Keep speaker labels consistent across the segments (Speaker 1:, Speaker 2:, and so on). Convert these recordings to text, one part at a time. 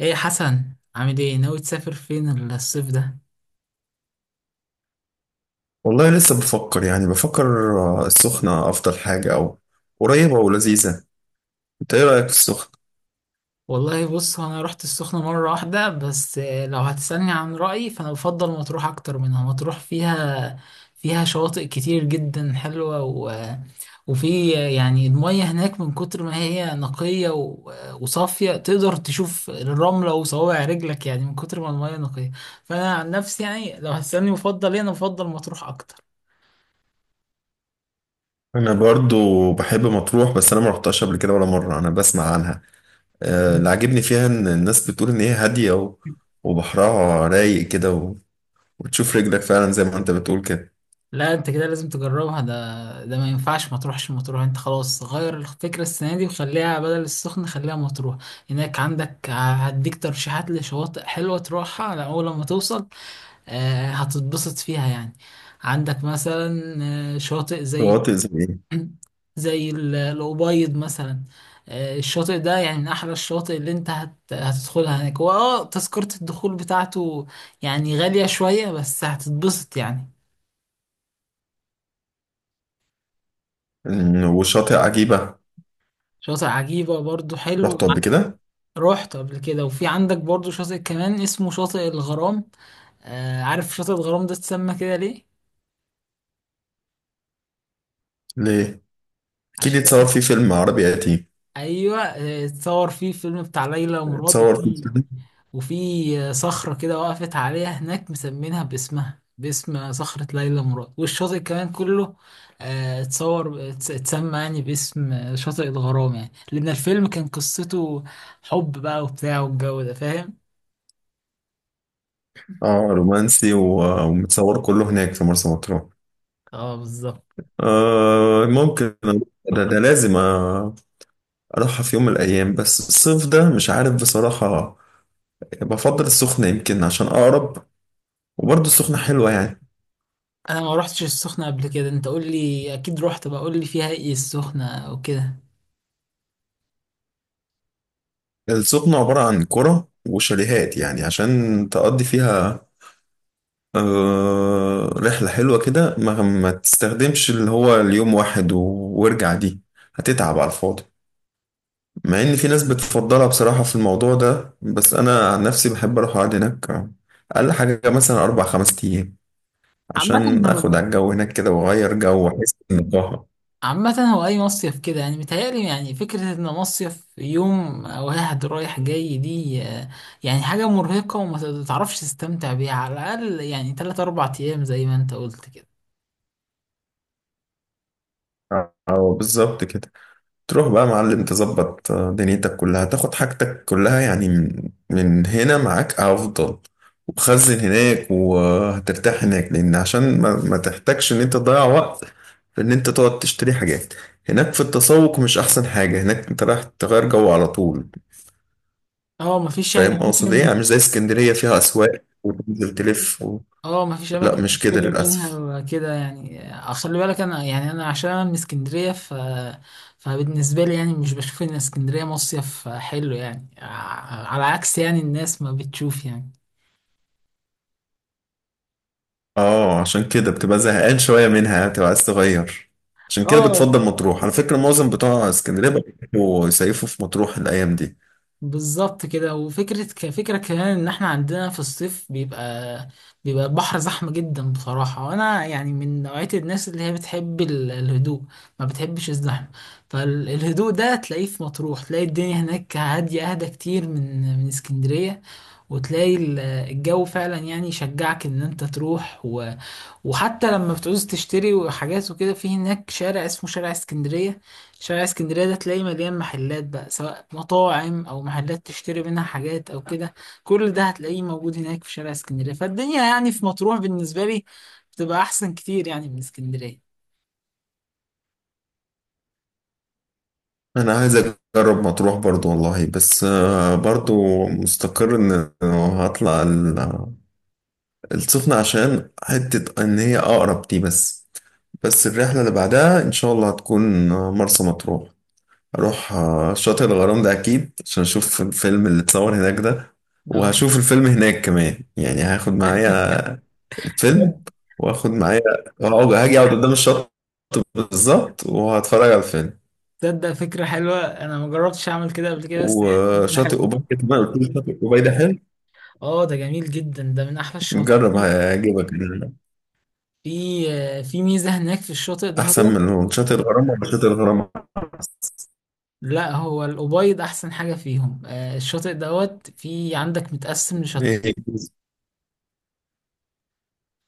Speaker 1: ايه يا حسن، عامل ايه؟ ناوي تسافر فين الصيف ده؟
Speaker 2: والله لسه بفكر يعني بفكر. السخنة أفضل حاجة، أو قريبة ولذيذة. أنت إيه رأيك في السخنة؟
Speaker 1: والله بص، هو انا رحت السخنة مرة واحدة بس. لو هتسألني عن رأيي فانا بفضل مطروح اكتر منها. مطروح فيها شواطئ كتير جدا حلوة و... وفي يعني المية هناك من كتر ما هي نقية و... وصافية، تقدر تشوف الرملة وصوابع رجلك، يعني من كتر ما المية نقية. فانا عن نفسي يعني لو هتسألني بفضل ايه، انا بفضل مطروح اكتر.
Speaker 2: أنا برضو بحب مطروح، بس أنا ما رحتهاش قبل كده ولا مرة، أنا بسمع عنها. اللي عاجبني فيها إن الناس بتقول إن هي هادية وبحرها رايق كده، وتشوف رجلك فعلا زي ما أنت بتقول كده.
Speaker 1: لا، انت كده لازم تجربها، ده ما ينفعش ما تروحش مطروح. انت خلاص غير الفكرة السنة دي، وخليها بدل السخنة، خليها مطروح. هناك عندك هديك ترشيحات لشواطئ حلوة تروحها على اول لما توصل. هتتبسط فيها يعني. عندك مثلا شواطئ زي
Speaker 2: شواطئ زي إيه؟
Speaker 1: زي الأبيض مثلا. الشاطئ ده يعني من أحلى الشواطئ اللي أنت هتدخلها هناك، هو تذكرة الدخول بتاعته يعني غالية شوية، بس هتتبسط يعني.
Speaker 2: وشاطئ عجيبة.
Speaker 1: شاطئ عجيبة برضو حلو.
Speaker 2: رحت قبل كده؟
Speaker 1: رحت قبل كده، وفي عندك برضو شاطئ كمان اسمه شاطئ الغرام. آه، عارف شاطئ الغرام ده اتسمى كده ليه؟
Speaker 2: ليه؟ أكيد
Speaker 1: عشان.
Speaker 2: يتصور فيه فيلم عربي قديم.
Speaker 1: ايوه، اتصور فيه فيلم بتاع ليلى ومراد.
Speaker 2: اتصور فيه
Speaker 1: وفي
Speaker 2: فيلم.
Speaker 1: وفي صخرة كده وقفت عليها هناك، مسمينها باسمها، باسم صخرة ليلى مراد. والشاطئ كمان كله اتصور اتسمى يعني باسم شاطئ الغرام، يعني لأن الفيلم كان قصته حب بقى وبتاع والجو ده، فاهم؟
Speaker 2: آه، رومانسي ومتصور كله هناك في مرسى مطروح.
Speaker 1: اه، بالظبط.
Speaker 2: آه، ممكن. ده لازم. اروحها في يوم من الايام، بس الصيف ده مش عارف بصراحة. بفضل السخنة يمكن عشان اقرب، وبرضه السخنة حلوة يعني.
Speaker 1: انا ما روحتش السخنة قبل كده، انت قول لي، اكيد روحت بقى، قول لي فيها ايه السخنة وكده.
Speaker 2: السخنة عبارة عن قرى وشاليهات يعني عشان تقضي فيها رحلة حلوة كده. ما تستخدمش اللي هو اليوم واحد وارجع دي، هتتعب على الفاضي. مع ان في ناس بتفضلها بصراحة في الموضوع ده، بس انا عن نفسي بحب اروح اقعد هناك اقل حاجة مثلا اربع خمس ايام،
Speaker 1: عامة
Speaker 2: عشان اخد على
Speaker 1: هو
Speaker 2: الجو هناك كده واغير جو واحس بالنقاهه.
Speaker 1: عامة هو اي مصيف كده يعني، متهيألي يعني فكرة ان مصيف يوم واحد رايح جاي دي يعني حاجة مرهقة، وما تعرفش تستمتع بيها. على الاقل يعني تلات اربع ايام زي ما انت قلت كده.
Speaker 2: اه بالظبط كده. تروح بقى يا معلم، تظبط دنيتك كلها، تاخد حاجتك كلها يعني من هنا معاك افضل، وخزن هناك وهترتاح هناك، لان عشان ما تحتاجش ان انت تضيع وقت في ان انت تقعد تشتري حاجات هناك. في التسوق مش احسن حاجه هناك، انت رايح تغير جو على طول.
Speaker 1: اه، مفيش يعني
Speaker 2: فاهم اقصد ايه
Speaker 1: اماكن.
Speaker 2: يعني؟ مش زي اسكندريه فيها اسواق وتنزل تلف
Speaker 1: اه، ما فيش
Speaker 2: لا
Speaker 1: اماكن
Speaker 2: مش كده
Speaker 1: تشتري
Speaker 2: للاسف.
Speaker 1: منها كده يعني. خلي بالك انا عشان أنا من اسكندريه. فبالنسبه لي يعني مش بشوف ان اسكندريه مصيف حلو، يعني على عكس يعني الناس ما بتشوف يعني.
Speaker 2: اه، عشان كده بتبقى زهقان شوية منها، بتبقى عايز تغير. عشان كده
Speaker 1: اه،
Speaker 2: بتفضل مطروح. على فكرة، معظم بتوع اسكندرية بيحبوا يصيفوا في مطروح الأيام دي.
Speaker 1: بالظبط كده. وفكرة كفكرة كمان ان احنا عندنا في الصيف بيبقى البحر زحمة جدا بصراحة، وانا يعني من نوعية الناس اللي هي بتحب الهدوء، ما بتحبش الزحمة. فالهدوء ده تلاقيه في مطروح، تلاقي الدنيا هناك هادية، اهدى كتير من اسكندرية. وتلاقي الجو فعلا يعني يشجعك ان انت تروح. وحتى لما بتعوز تشتري حاجات وكده، في هناك شارع اسمه شارع اسكندرية. شارع اسكندرية ده تلاقيه مليان محلات بقى، سواء مطاعم أو محلات تشتري منها حاجات أو كده. كل ده هتلاقيه موجود هناك في شارع اسكندرية، فالدنيا يعني في مطروح بالنسبة لي بتبقى أحسن كتير يعني من اسكندرية.
Speaker 2: أنا عايز أجرب مطروح برضو والله، بس برضو مستقر إن هطلع السخنة عشان حتة إن هي أقرب دي، بس بس الرحلة اللي بعدها إن شاء الله هتكون مرسى مطروح. أروح شاطئ الغرام ده أكيد، عشان أشوف الفيلم اللي اتصور هناك ده.
Speaker 1: اه.
Speaker 2: وهشوف الفيلم هناك كمان يعني، هاخد معايا الفيلم،
Speaker 1: تصدق
Speaker 2: واخد معايا، اقعد قدام الشط بالظبط وهتفرج على الفيلم.
Speaker 1: تصدق فكرة حلوة، أنا ما جربتش أعمل كده قبل كده، بس هي فكرة
Speaker 2: وشاطئ
Speaker 1: حلوة.
Speaker 2: أوبايد كمان، قلت له شاطئ أوبايد حلو،
Speaker 1: اه، ده جميل جدا، ده من أحلى الشواطئ
Speaker 2: نجرب هيعجبك يعني.
Speaker 1: في في ميزة هناك في الشاطئ ده.
Speaker 2: أحسن من شاطئ الغرام ولا شاطئ الغرام؟
Speaker 1: لا، هو الأبيض أحسن حاجة فيهم. الشاطئ دوت،
Speaker 2: إيه؟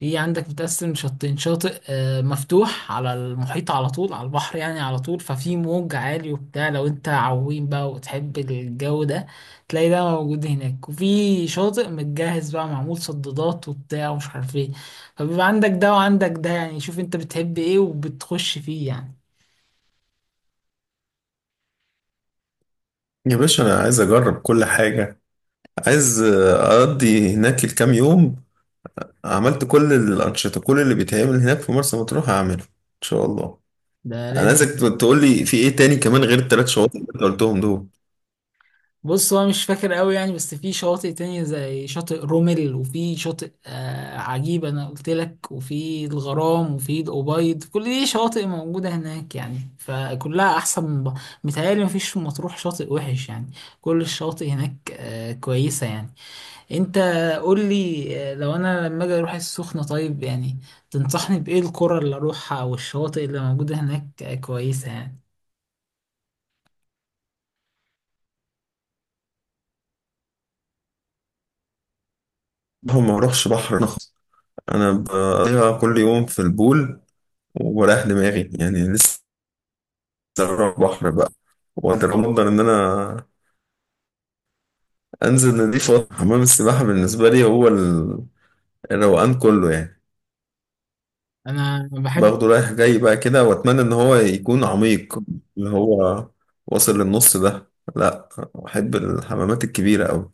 Speaker 1: في عندك متقسم لشطين، شاطئ مفتوح على المحيط على طول، على البحر يعني على طول، ففي موج عالي وبتاع. لو أنت عويم بقى وتحب الجو ده، تلاقي ده موجود هناك. وفي شاطئ متجهز بقى، معمول صدادات وبتاع ومش عارف ايه. فبيبقى عندك ده وعندك ده، يعني شوف أنت بتحب ايه وبتخش فيه يعني.
Speaker 2: يا باشا أنا عايز أجرب كل حاجة، عايز أقضي هناك الكام يوم. عملت كل الأنشطة، كل اللي بيتعمل هناك في مرسى مطروح هعمله إن شاء الله.
Speaker 1: ده
Speaker 2: أنا
Speaker 1: لازم.
Speaker 2: عايزك تقول لي في إيه تاني كمان غير التلات شواطئ اللي أنت قلتهم دول.
Speaker 1: بص، هو مش فاكر قوي يعني، بس في شواطئ تانية زي شاطئ رومل، وفي شاطئ عجيب انا قلت لك، وفي الغرام، وفي الأبيض، كل دي شواطئ موجودة هناك يعني، فكلها احسن من بعض. متهيألي مفيش في مطروح شاطئ وحش يعني، كل الشواطئ هناك كويسة يعني. انت قول لي، لو انا لما اجي اروح السخنة، طيب يعني تنصحني بإيه؟ القرى اللي اروحها والشواطئ اللي موجودة هناك كويسة يعني.
Speaker 2: هم ما أروحش بحر، انا بقضيها كل يوم في البول وبريح دماغي يعني. لسه بروح بحر بقى، وقدر افضل ان انا انزل نضيف وأطلع. حمام السباحه بالنسبه لي هو الروقان كله يعني،
Speaker 1: انا بحب
Speaker 2: باخده رايح جاي بقى كده. واتمنى ان هو يكون عميق، اللي هو واصل للنص ده. لا، احب الحمامات الكبيره قوي.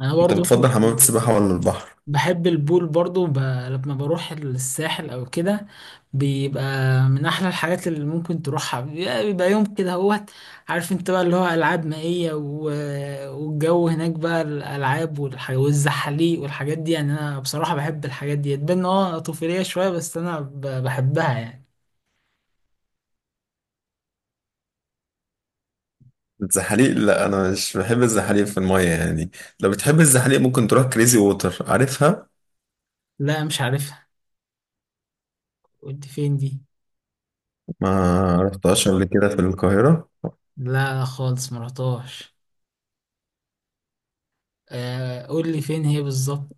Speaker 1: انا
Speaker 2: انت
Speaker 1: برضو بحب
Speaker 2: بتفضل حمامات السباحه ولا البحر؟
Speaker 1: بحب البول برضو، لما بروح الساحل او كده بيبقى من احلى الحاجات اللي ممكن تروحها، بيبقى يوم كده هوت، عارف انت بقى، اللي هو العاب مائية، و... والجو هناك بقى، الالعاب والزحاليق والحاجات دي. يعني انا بصراحة بحب الحاجات دي، تبان إن طفولية شوية، بس انا بحبها يعني.
Speaker 2: الزحاليق، لا انا مش بحب الزحاليق في الميه يعني. لو بتحب الزحاليق ممكن تروح كريزي ووتر، عارفها؟
Speaker 1: لا، مش عارفها، قلت فين دي؟
Speaker 2: ما رحتهاش قبل كده، في القاهرة.
Speaker 1: لا، خالص مرحتهاش. قول لي فين هي بالظبط.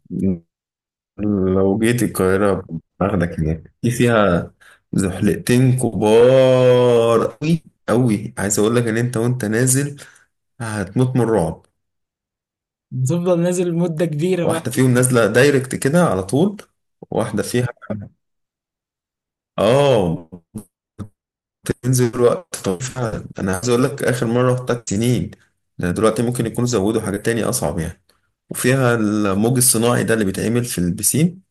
Speaker 2: لو جيت القاهرة باخدك هناك. في فيها زحلقتين كبار أوي أوي، عايز أقول لك إن أنت وأنت نازل هتموت من الرعب.
Speaker 1: بتفضل نازل مدة كبيرة بقى؟
Speaker 2: واحدة فيهم نازلة دايركت كده على طول، واحدة فيها آه بتنزل وقت طويل فعلا. أنا عايز أقول لك آخر مرة رحتها سنين، ده دلوقتي ممكن يكونوا زودوا حاجات تانية أصعب يعني. وفيها الموج الصناعي ده اللي بيتعمل في البسين،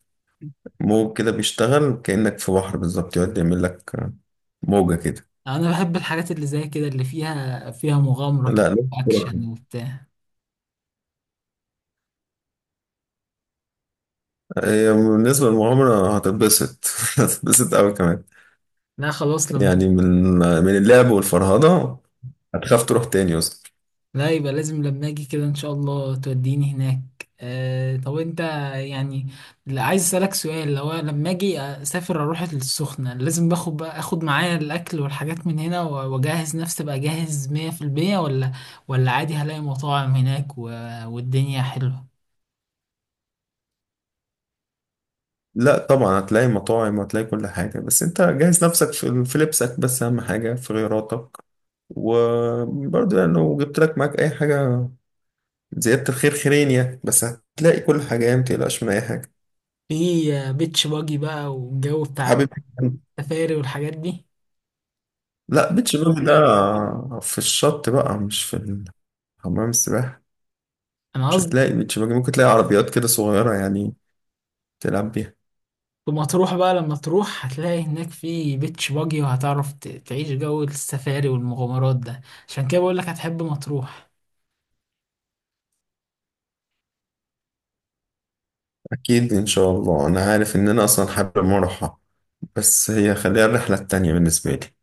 Speaker 2: موج كده بيشتغل كأنك في بحر بالظبط، يقعد يعمل لك موجة كده.
Speaker 1: انا بحب الحاجات اللي زي كده، اللي فيها
Speaker 2: لا
Speaker 1: مغامرة كده
Speaker 2: لا، بسرعة.
Speaker 1: واكشن وبتاع.
Speaker 2: هي بالنسبة للمغامرة هتتبسط هتتبسط أوي كمان
Speaker 1: لا، خلاص لما.
Speaker 2: يعني، من اللعب والفرهدة هتخاف تروح تاني أصلا.
Speaker 1: لا، يبقى لازم لما اجي كده ان شاء الله توديني هناك. طب انت يعني، لا، عايز اسالك سؤال. لو أنا لما اجي اسافر اروح السخنة، لازم باخد بقى اخد معايا الاكل والحاجات من هنا واجهز نفسي بقى جاهز 100% ولا عادي هلاقي مطاعم هناك و... والدنيا حلوة؟
Speaker 2: لا طبعا هتلاقي مطاعم، وهتلاقي كل حاجة. بس أنت جهز نفسك في لبسك بس، أهم حاجة في غيراتك. وبرضه يعني لو جبت لك معاك أي حاجة، زيادة الخير خيرين يعني. بس هتلاقي كل حاجة يعني، متقلقش من أي حاجة.
Speaker 1: في بيتش باجي بقى، والجو بتاع
Speaker 2: حابب.
Speaker 1: السفاري والحاجات دي.
Speaker 2: لا، بيتش باجي ده في الشط بقى، مش في حمام السباحة.
Speaker 1: انا
Speaker 2: مش هتلاقي بيتش باجي، ممكن تلاقي عربيات كده صغيرة يعني، تلعب بيها.
Speaker 1: ثم هتروح بقى، لما تروح هتلاقي هناك في بيتش باجي، وهتعرف تعيش جو السفاري والمغامرات ده، عشان كده بقولك هتحب مطروح.
Speaker 2: أكيد إن شاء الله، أنا عارف إن أنا أصلا حابب أروحها، بس هي خليها الرحلة التانية بالنسبة لي.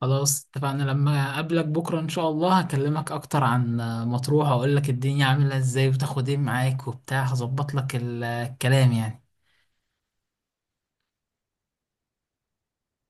Speaker 1: خلاص اتفقنا، لما اقابلك بكرة ان شاء الله هكلمك اكتر عن مطروح، واقولك الدنيا عاملة ازاي وتاخد ايه معاك وبتاع، هظبط لك الكلام يعني.